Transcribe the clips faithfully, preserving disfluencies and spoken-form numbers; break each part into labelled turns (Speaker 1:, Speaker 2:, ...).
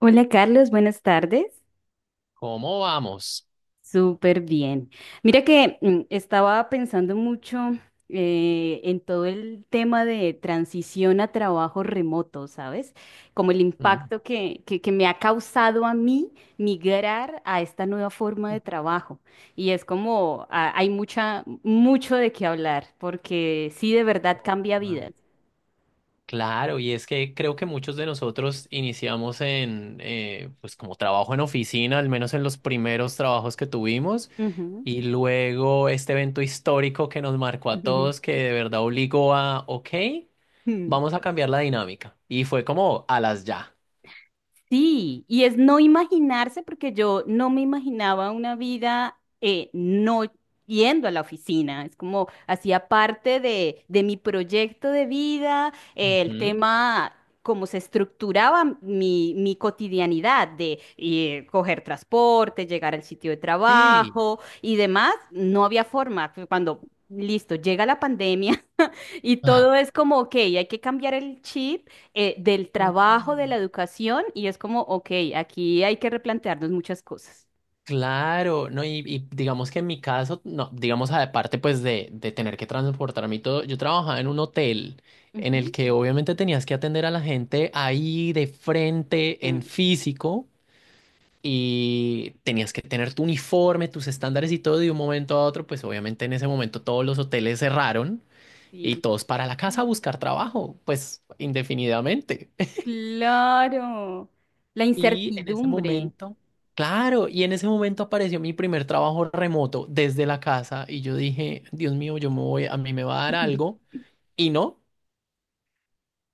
Speaker 1: Hola Carlos, buenas tardes.
Speaker 2: ¿Cómo vamos?
Speaker 1: Súper bien. Mira que mm, estaba pensando mucho eh, en todo el tema de transición a trabajo remoto, ¿sabes? Como el
Speaker 2: Mm.
Speaker 1: impacto que, que, que me ha causado a mí migrar a esta nueva forma de trabajo. Y es como ah, hay mucha, mucho de qué hablar, porque sí de verdad cambia
Speaker 2: Ah,
Speaker 1: vidas.
Speaker 2: claro, y es que creo que muchos de nosotros iniciamos en, eh, pues como trabajo en oficina, al menos en los primeros trabajos que tuvimos,
Speaker 1: Ujú.
Speaker 2: y luego este evento histórico que nos marcó a todos, que de verdad obligó a, ok, vamos a cambiar la dinámica. Y fue como a las ya.
Speaker 1: Sí, y es no imaginarse, porque yo no me imaginaba una vida eh, no yendo a la oficina. Es como hacía parte de, de mi proyecto de vida, eh, el
Speaker 2: Ujú.
Speaker 1: tema, cómo se estructuraba mi, mi cotidianidad de eh, coger transporte, llegar al sitio de
Speaker 2: Sí.
Speaker 1: trabajo y demás. No había forma. Cuando, listo, llega la pandemia. Y
Speaker 2: Ah.
Speaker 1: todo es como, ok, hay que cambiar el chip eh, del
Speaker 2: Total.
Speaker 1: trabajo, de la educación, y es como, ok, aquí hay que replantearnos muchas cosas.
Speaker 2: Claro, no, y, y digamos que en mi caso, no, digamos aparte pues de, de tener que transportarme y todo, yo trabajaba en un hotel en el
Speaker 1: Ujú.
Speaker 2: que obviamente tenías que atender a la gente ahí de frente, en
Speaker 1: Mm.
Speaker 2: físico, y tenías que tener tu uniforme, tus estándares y todo, y de un momento a otro, pues obviamente en ese momento todos los hoteles cerraron y
Speaker 1: Sí.
Speaker 2: todos para la casa a buscar trabajo, pues indefinidamente.
Speaker 1: Claro, la
Speaker 2: Y en ese
Speaker 1: incertidumbre.
Speaker 2: momento, claro, y en ese momento apareció mi primer trabajo remoto desde la casa y yo dije, Dios mío, yo me voy, a mí me va a dar algo. Y no,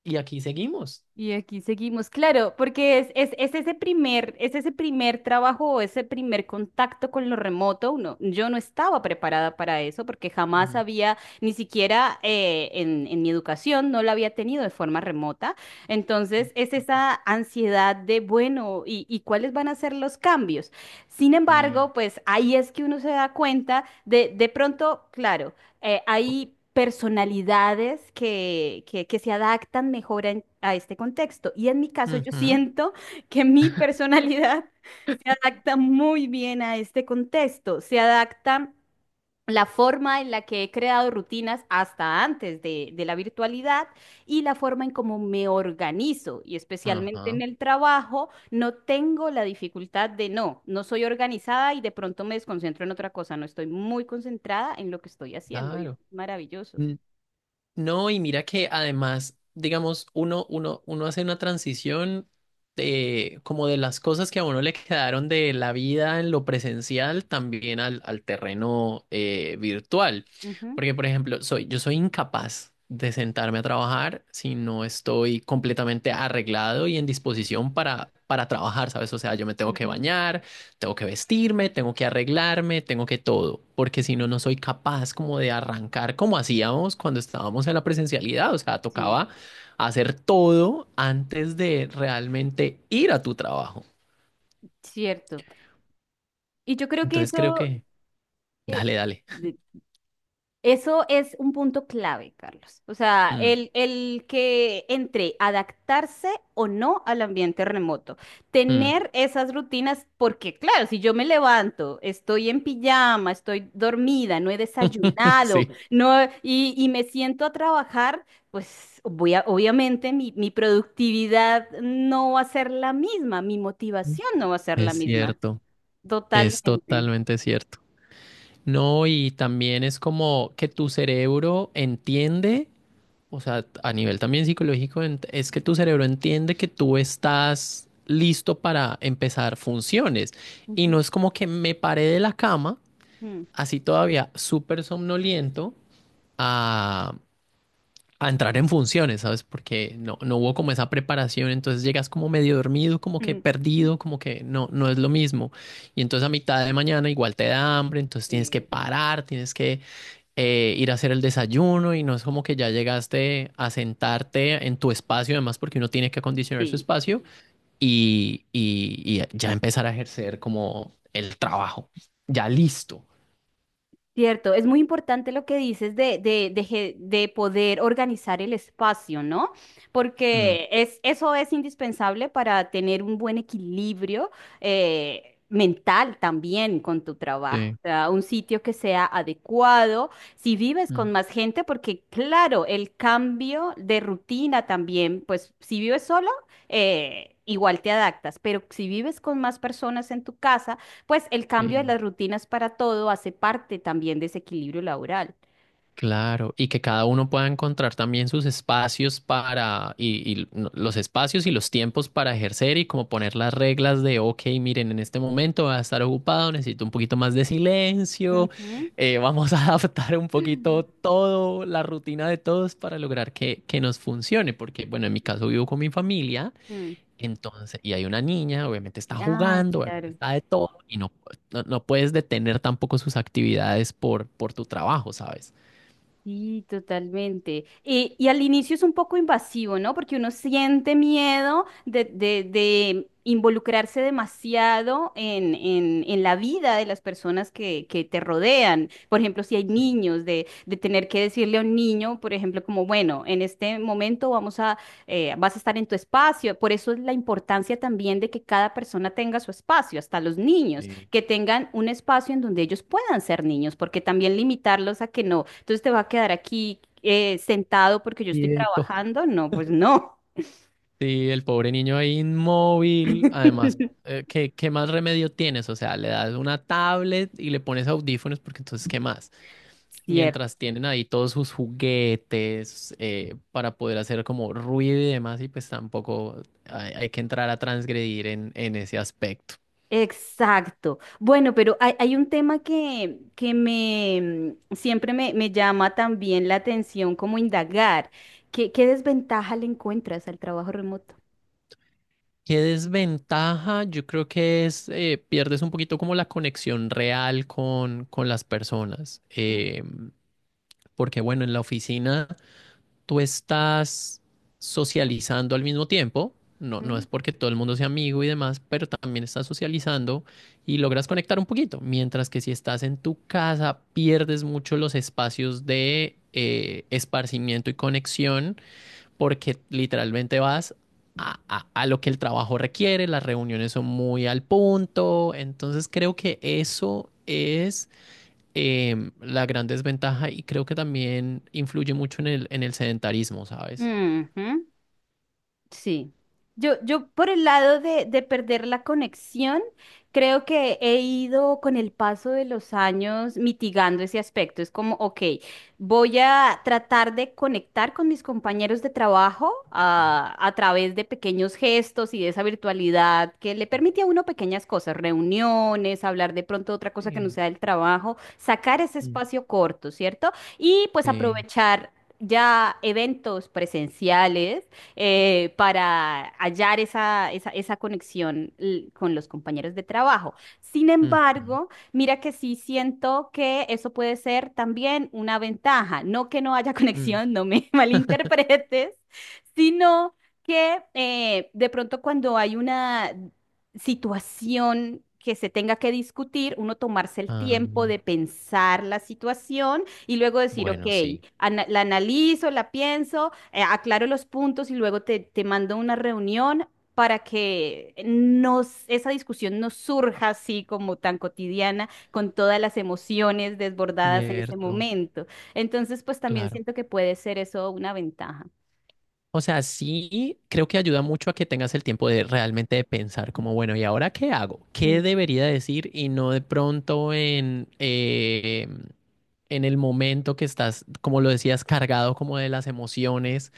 Speaker 2: y aquí seguimos.
Speaker 1: Y aquí seguimos, claro, porque es, es, es ese primer, es ese primer trabajo o ese primer contacto con lo remoto. Uno, yo no estaba preparada para eso porque jamás
Speaker 2: Mm,
Speaker 1: había, ni siquiera eh, en, en mi educación, no la había tenido de forma remota. Entonces, es esa ansiedad de, bueno, ¿y, y cuáles van a ser los cambios? Sin
Speaker 2: sí.
Speaker 1: embargo, pues ahí es que uno se da cuenta de, de pronto, claro, eh, hay personalidades que, que- que se adaptan mejor en- a este contexto. Y en mi caso, yo
Speaker 2: Ujú,
Speaker 1: siento que mi personalidad se adapta muy bien a este contexto, se adapta la forma en la que he creado rutinas hasta antes de, de la virtualidad y la forma en cómo me organizo y especialmente en
Speaker 2: ajá,
Speaker 1: el trabajo, no tengo la dificultad de no, no soy organizada y de pronto me desconcentro en otra cosa, no estoy muy concentrada en lo que estoy haciendo y es
Speaker 2: claro.
Speaker 1: maravilloso.
Speaker 2: No, y mira que además, digamos, uno, uno, uno hace una transición de como de las cosas que a uno le quedaron de la vida en lo presencial también al, al terreno eh, virtual.
Speaker 1: Ujú,
Speaker 2: Porque, por ejemplo, soy, yo soy incapaz de sentarme a trabajar si no estoy completamente arreglado y en disposición para, para trabajar, ¿sabes? O sea, yo me tengo que
Speaker 1: ujú,
Speaker 2: bañar, tengo que vestirme, tengo que arreglarme, tengo que todo, porque si no,
Speaker 1: ujú.
Speaker 2: no soy capaz como de arrancar como hacíamos cuando estábamos en la presencialidad. O sea,
Speaker 1: Sí,
Speaker 2: tocaba hacer todo antes de realmente ir a tu trabajo.
Speaker 1: cierto. Y yo creo que
Speaker 2: Entonces creo
Speaker 1: eso,
Speaker 2: que,
Speaker 1: eh,
Speaker 2: dale, dale.
Speaker 1: de- eso es un punto clave, Carlos. O sea,
Speaker 2: Mm,
Speaker 1: el, el que entre adaptarse o no al ambiente remoto.
Speaker 2: mm.
Speaker 1: Tener esas rutinas, porque claro, si yo me levanto, estoy en pijama, estoy dormida, no he desayunado,
Speaker 2: Sí,
Speaker 1: no, y, y me siento a trabajar, pues voy a- obviamente mi, mi productividad no va a ser la misma, mi motivación no va a ser la
Speaker 2: es
Speaker 1: misma.
Speaker 2: cierto, es
Speaker 1: Totalmente.
Speaker 2: totalmente cierto. No, y también es como que tu cerebro entiende. O sea, a nivel también psicológico, ent- es que tu cerebro entiende que tú estás listo para empezar funciones. Y
Speaker 1: Ujú.
Speaker 2: no es como que me paré de la cama,
Speaker 1: Mm.
Speaker 2: así todavía súper somnoliento, a, a entrar en funciones, ¿sabes? Porque no, no hubo como esa preparación, entonces llegas como medio dormido, como que
Speaker 1: Mm.
Speaker 2: perdido, como que no, no es lo mismo. Y entonces a mitad de mañana igual te da hambre, entonces tienes que
Speaker 1: Sí,
Speaker 2: parar, tienes que eh, ir a hacer el desayuno y no es como que ya llegaste a sentarte en tu espacio, además porque uno tiene que acondicionar su
Speaker 1: sí.
Speaker 2: espacio y, y- y ya empezar a ejercer como el trabajo, ya listo.
Speaker 1: Cierto, es muy importante lo que dices de, de, de, ge- de poder organizar el espacio, ¿no?
Speaker 2: Mm,
Speaker 1: Porque es, eso es indispensable para tener un buen equilibrio eh, mental también con tu trabajo.
Speaker 2: sí,
Speaker 1: O sea, un sitio que sea adecuado, si vives con
Speaker 2: mm,
Speaker 1: más gente, porque claro, el cambio de rutina también, pues si vives solo, eh, igual te adaptas, pero si vives con más personas en tu casa, pues el cambio de
Speaker 2: sí.
Speaker 1: las rutinas para todo hace parte también de ese equilibrio laboral.
Speaker 2: Claro, y que cada uno pueda encontrar también sus espacios para, y, y no- los espacios y los tiempos para ejercer y como poner las reglas de, ok, miren, en este momento va a estar ocupado, necesito un poquito más de silencio,
Speaker 1: Ujú.
Speaker 2: eh, vamos a adaptar un poquito todo, la rutina de todos para lograr que, que nos funcione, porque bueno, en mi caso vivo con mi familia,
Speaker 1: Mm.
Speaker 2: entonces, y hay una niña, obviamente está
Speaker 1: Ay,
Speaker 2: jugando, obviamente
Speaker 1: claro.
Speaker 2: está de todo, y no, no, no puedes detener tampoco sus actividades por, por tu trabajo, ¿sabes?
Speaker 1: Sí, totalmente. Y, y al inicio es un poco invasivo, ¿no? Porque uno siente miedo de, de- de involucrarse demasiado en, en- en la vida de las personas que, que te rodean. Por ejemplo, si hay niños, de, de tener que decirle a un niño, por ejemplo, como, bueno, en este momento vamos a, eh, vas a estar en tu espacio. Por eso es la importancia también de que cada persona tenga su espacio, hasta los niños
Speaker 2: Sí,
Speaker 1: que tengan un espacio en donde ellos puedan ser niños, porque también limitarlos a que no, entonces te va a quedar aquí eh, sentado porque yo estoy
Speaker 2: quieto.
Speaker 1: trabajando, no, pues no.
Speaker 2: Sí, el pobre niño ahí inmóvil. Además, eh, ¿qué, qué más remedio tienes? O sea, le das una tablet y le pones audífonos, porque entonces, ¿qué más?
Speaker 1: Cierto.
Speaker 2: Mientras tienen ahí todos sus juguetes eh, para poder hacer como ruido y demás, y pues tampoco hay, hay que entrar a transgredir en, en ese aspecto.
Speaker 1: Exacto. Bueno, pero hay, hay un tema que, que me mm, siempre me, me llama también la atención, como indagar. ¿Qué, qué desventaja le encuentras al trabajo remoto?
Speaker 2: ¿Qué desventaja? Yo creo que es, eh, pierdes un poquito como la conexión real con, con las personas. Eh, porque bueno, en la oficina... tú estás socializando al mismo tiempo. No, no es
Speaker 1: Ujú.
Speaker 2: porque todo el mundo sea amigo y demás, pero también estás socializando y logras conectar un poquito. Mientras que si estás en tu casa, pierdes mucho los espacios de eh, esparcimiento y conexión porque literalmente vas a, a- a lo que el trabajo requiere, las reuniones son muy al punto. Entonces creo que eso es em, la gran desventaja y creo que también influye mucho en el, en el sedentarismo, ¿sabes?
Speaker 1: Ujú. Sí. Yo, yo por el lado de, de perder la conexión, creo que he ido con el paso de los años mitigando ese aspecto. Es como, ok, voy a tratar de conectar con mis compañeros de trabajo ah, a, través de pequeños gestos y de esa virtualidad que le permite a uno pequeñas cosas, reuniones, hablar de pronto de otra cosa que no
Speaker 2: Sí.
Speaker 1: sea del trabajo, sacar ese
Speaker 2: Mm.
Speaker 1: espacio corto, ¿cierto? Y pues
Speaker 2: Sí.
Speaker 1: aprovechar ya eventos presenciales eh, para hallar esa, esa, esa conexión l- con los compañeros de trabajo. Sin
Speaker 2: Ujú,
Speaker 1: embargo, mira que sí siento que eso puede ser también una ventaja. No que no haya
Speaker 2: mm.
Speaker 1: conexión, no me malinterpretes, sino que eh, de pronto cuando hay una situación que se tenga que discutir, uno tomarse el
Speaker 2: Ah,
Speaker 1: tiempo
Speaker 2: no.
Speaker 1: de pensar la situación y luego decir, ok,
Speaker 2: Bueno, sí.
Speaker 1: ana- la analizo, la pienso, eh, aclaro los puntos y luego te, te mando una reunión para que nos, esa discusión no surja así como tan cotidiana, con todas las emociones desbordadas en ese
Speaker 2: Cierto,
Speaker 1: momento. Entonces, pues también
Speaker 2: claro.
Speaker 1: siento que puede ser eso una ventaja.
Speaker 2: O sea, sí, creo que ayuda mucho a que tengas el tiempo de realmente de pensar como, bueno, ¿y ahora qué hago? ¿Qué
Speaker 1: Mm,
Speaker 2: debería decir? Y no de pronto en, eh, en el momento que estás, como lo decías, cargado como de las emociones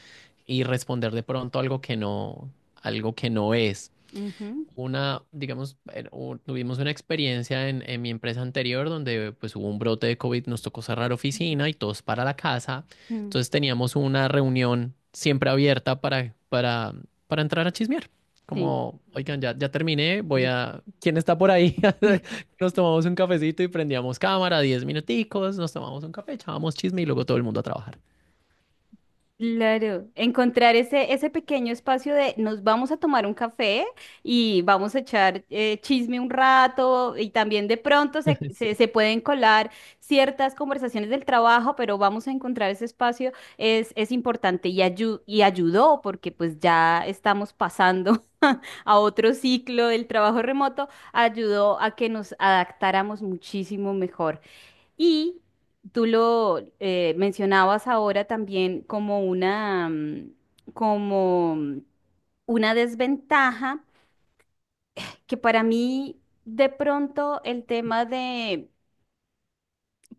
Speaker 2: y responder de pronto algo que no, algo que no es
Speaker 1: ujú,
Speaker 2: una, digamos. Eh, u- tuvimos una experiencia en, en mi empresa anterior donde pues hubo un brote de COVID, nos tocó cerrar oficina y todos para la casa.
Speaker 1: mm,
Speaker 2: Entonces teníamos una reunión siempre abierta para, para, para entrar a chismear.
Speaker 1: sí.
Speaker 2: Como, oigan, ya, ya terminé, voy a... ¿Quién está por ahí? Nos tomamos un cafecito y prendíamos cámara, diez minuticos, nos tomamos un café, echábamos chisme y luego todo el mundo a trabajar.
Speaker 1: Claro, encontrar ese, ese pequeño espacio de nos vamos a tomar un café y vamos a echar eh, chisme un rato y también de pronto se,
Speaker 2: Sí.
Speaker 1: se, se pueden colar ciertas conversaciones del trabajo, pero vamos a encontrar ese espacio es, es importante y, ayu- y ayudó porque pues ya estamos pasando a otro ciclo del trabajo remoto, ayudó a que nos adaptáramos muchísimo mejor. Y tú lo eh, mencionabas ahora también como una, mm, como mm, una desventaja que para mí de pronto el tema de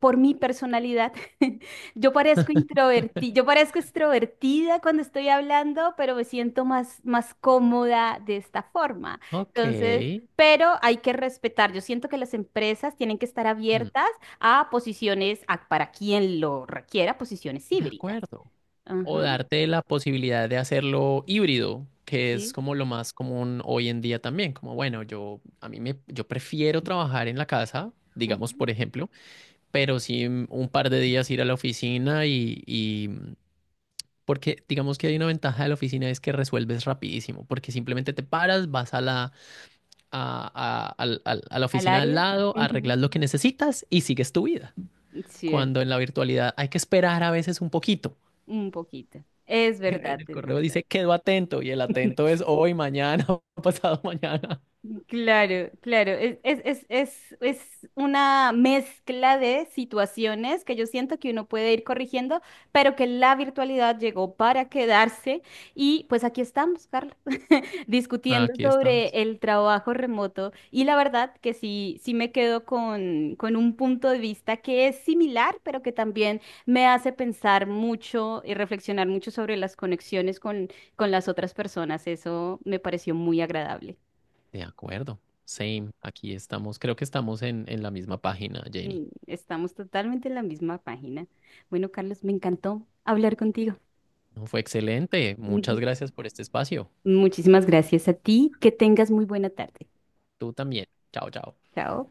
Speaker 1: por mi personalidad. Yo parezco introvertida, yo parezco extrovertida cuando estoy hablando, pero me siento más, más cómoda de esta forma.
Speaker 2: Ok.
Speaker 1: Entonces, pero hay que respetar. Yo siento que las empresas tienen que estar
Speaker 2: Mm,
Speaker 1: abiertas a posiciones, a- para quien lo requiera, posiciones
Speaker 2: de
Speaker 1: híbridas.
Speaker 2: acuerdo. O
Speaker 1: Ajá,
Speaker 2: darte la posibilidad de hacerlo híbrido, que es
Speaker 1: sí.
Speaker 2: como lo más común hoy en día también, como bueno, yo a mí me yo prefiero trabajar en la casa, digamos
Speaker 1: Ujú,
Speaker 2: por ejemplo, pero sí mm, un par de días ir a la oficina y, y mm, porque digamos que hay una ventaja de la oficina es que resuelves rapidísimo, porque
Speaker 1: sí.
Speaker 2: simplemente te paras, vas a la a, a al- al- a la
Speaker 1: Al
Speaker 2: oficina al
Speaker 1: área.
Speaker 2: lado,
Speaker 1: Ujú.
Speaker 2: arreglas lo que necesitas y sigues tu vida. Cuando en
Speaker 1: Cierto,
Speaker 2: la virtualidad hay que esperar a veces un poquito.
Speaker 1: un poquito. Es
Speaker 2: En
Speaker 1: verdad,
Speaker 2: el
Speaker 1: es
Speaker 2: correo
Speaker 1: verdad.
Speaker 2: dice, quedo atento, y el atento es hoy, mañana, pasado mañana.
Speaker 1: Claro, claro. Es, es, es, es, es una mezcla de situaciones que yo siento que uno puede ir corrigiendo, pero que la virtualidad llegó para quedarse. Y pues aquí estamos, Carlos, discutiendo
Speaker 2: Aquí
Speaker 1: sobre
Speaker 2: estamos.
Speaker 1: el trabajo remoto. Y la verdad que sí, sí me quedo con, con un punto de vista que es similar, pero que también me hace pensar mucho y reflexionar mucho sobre las conexiones con, con las otras personas. Eso me pareció muy agradable.
Speaker 2: De acuerdo. Same. Aquí estamos. Creo que estamos en, en la misma página, Jenny.
Speaker 1: Mm, estamos totalmente en la misma página. Bueno, Carlos, me encantó hablar contigo.
Speaker 2: No, fue excelente. Muchas
Speaker 1: Ujú.
Speaker 2: gracias por este espacio.
Speaker 1: Muchísimas gracias a ti. Que tengas muy buena tarde.
Speaker 2: Tú también. Chao, chao.
Speaker 1: Chao.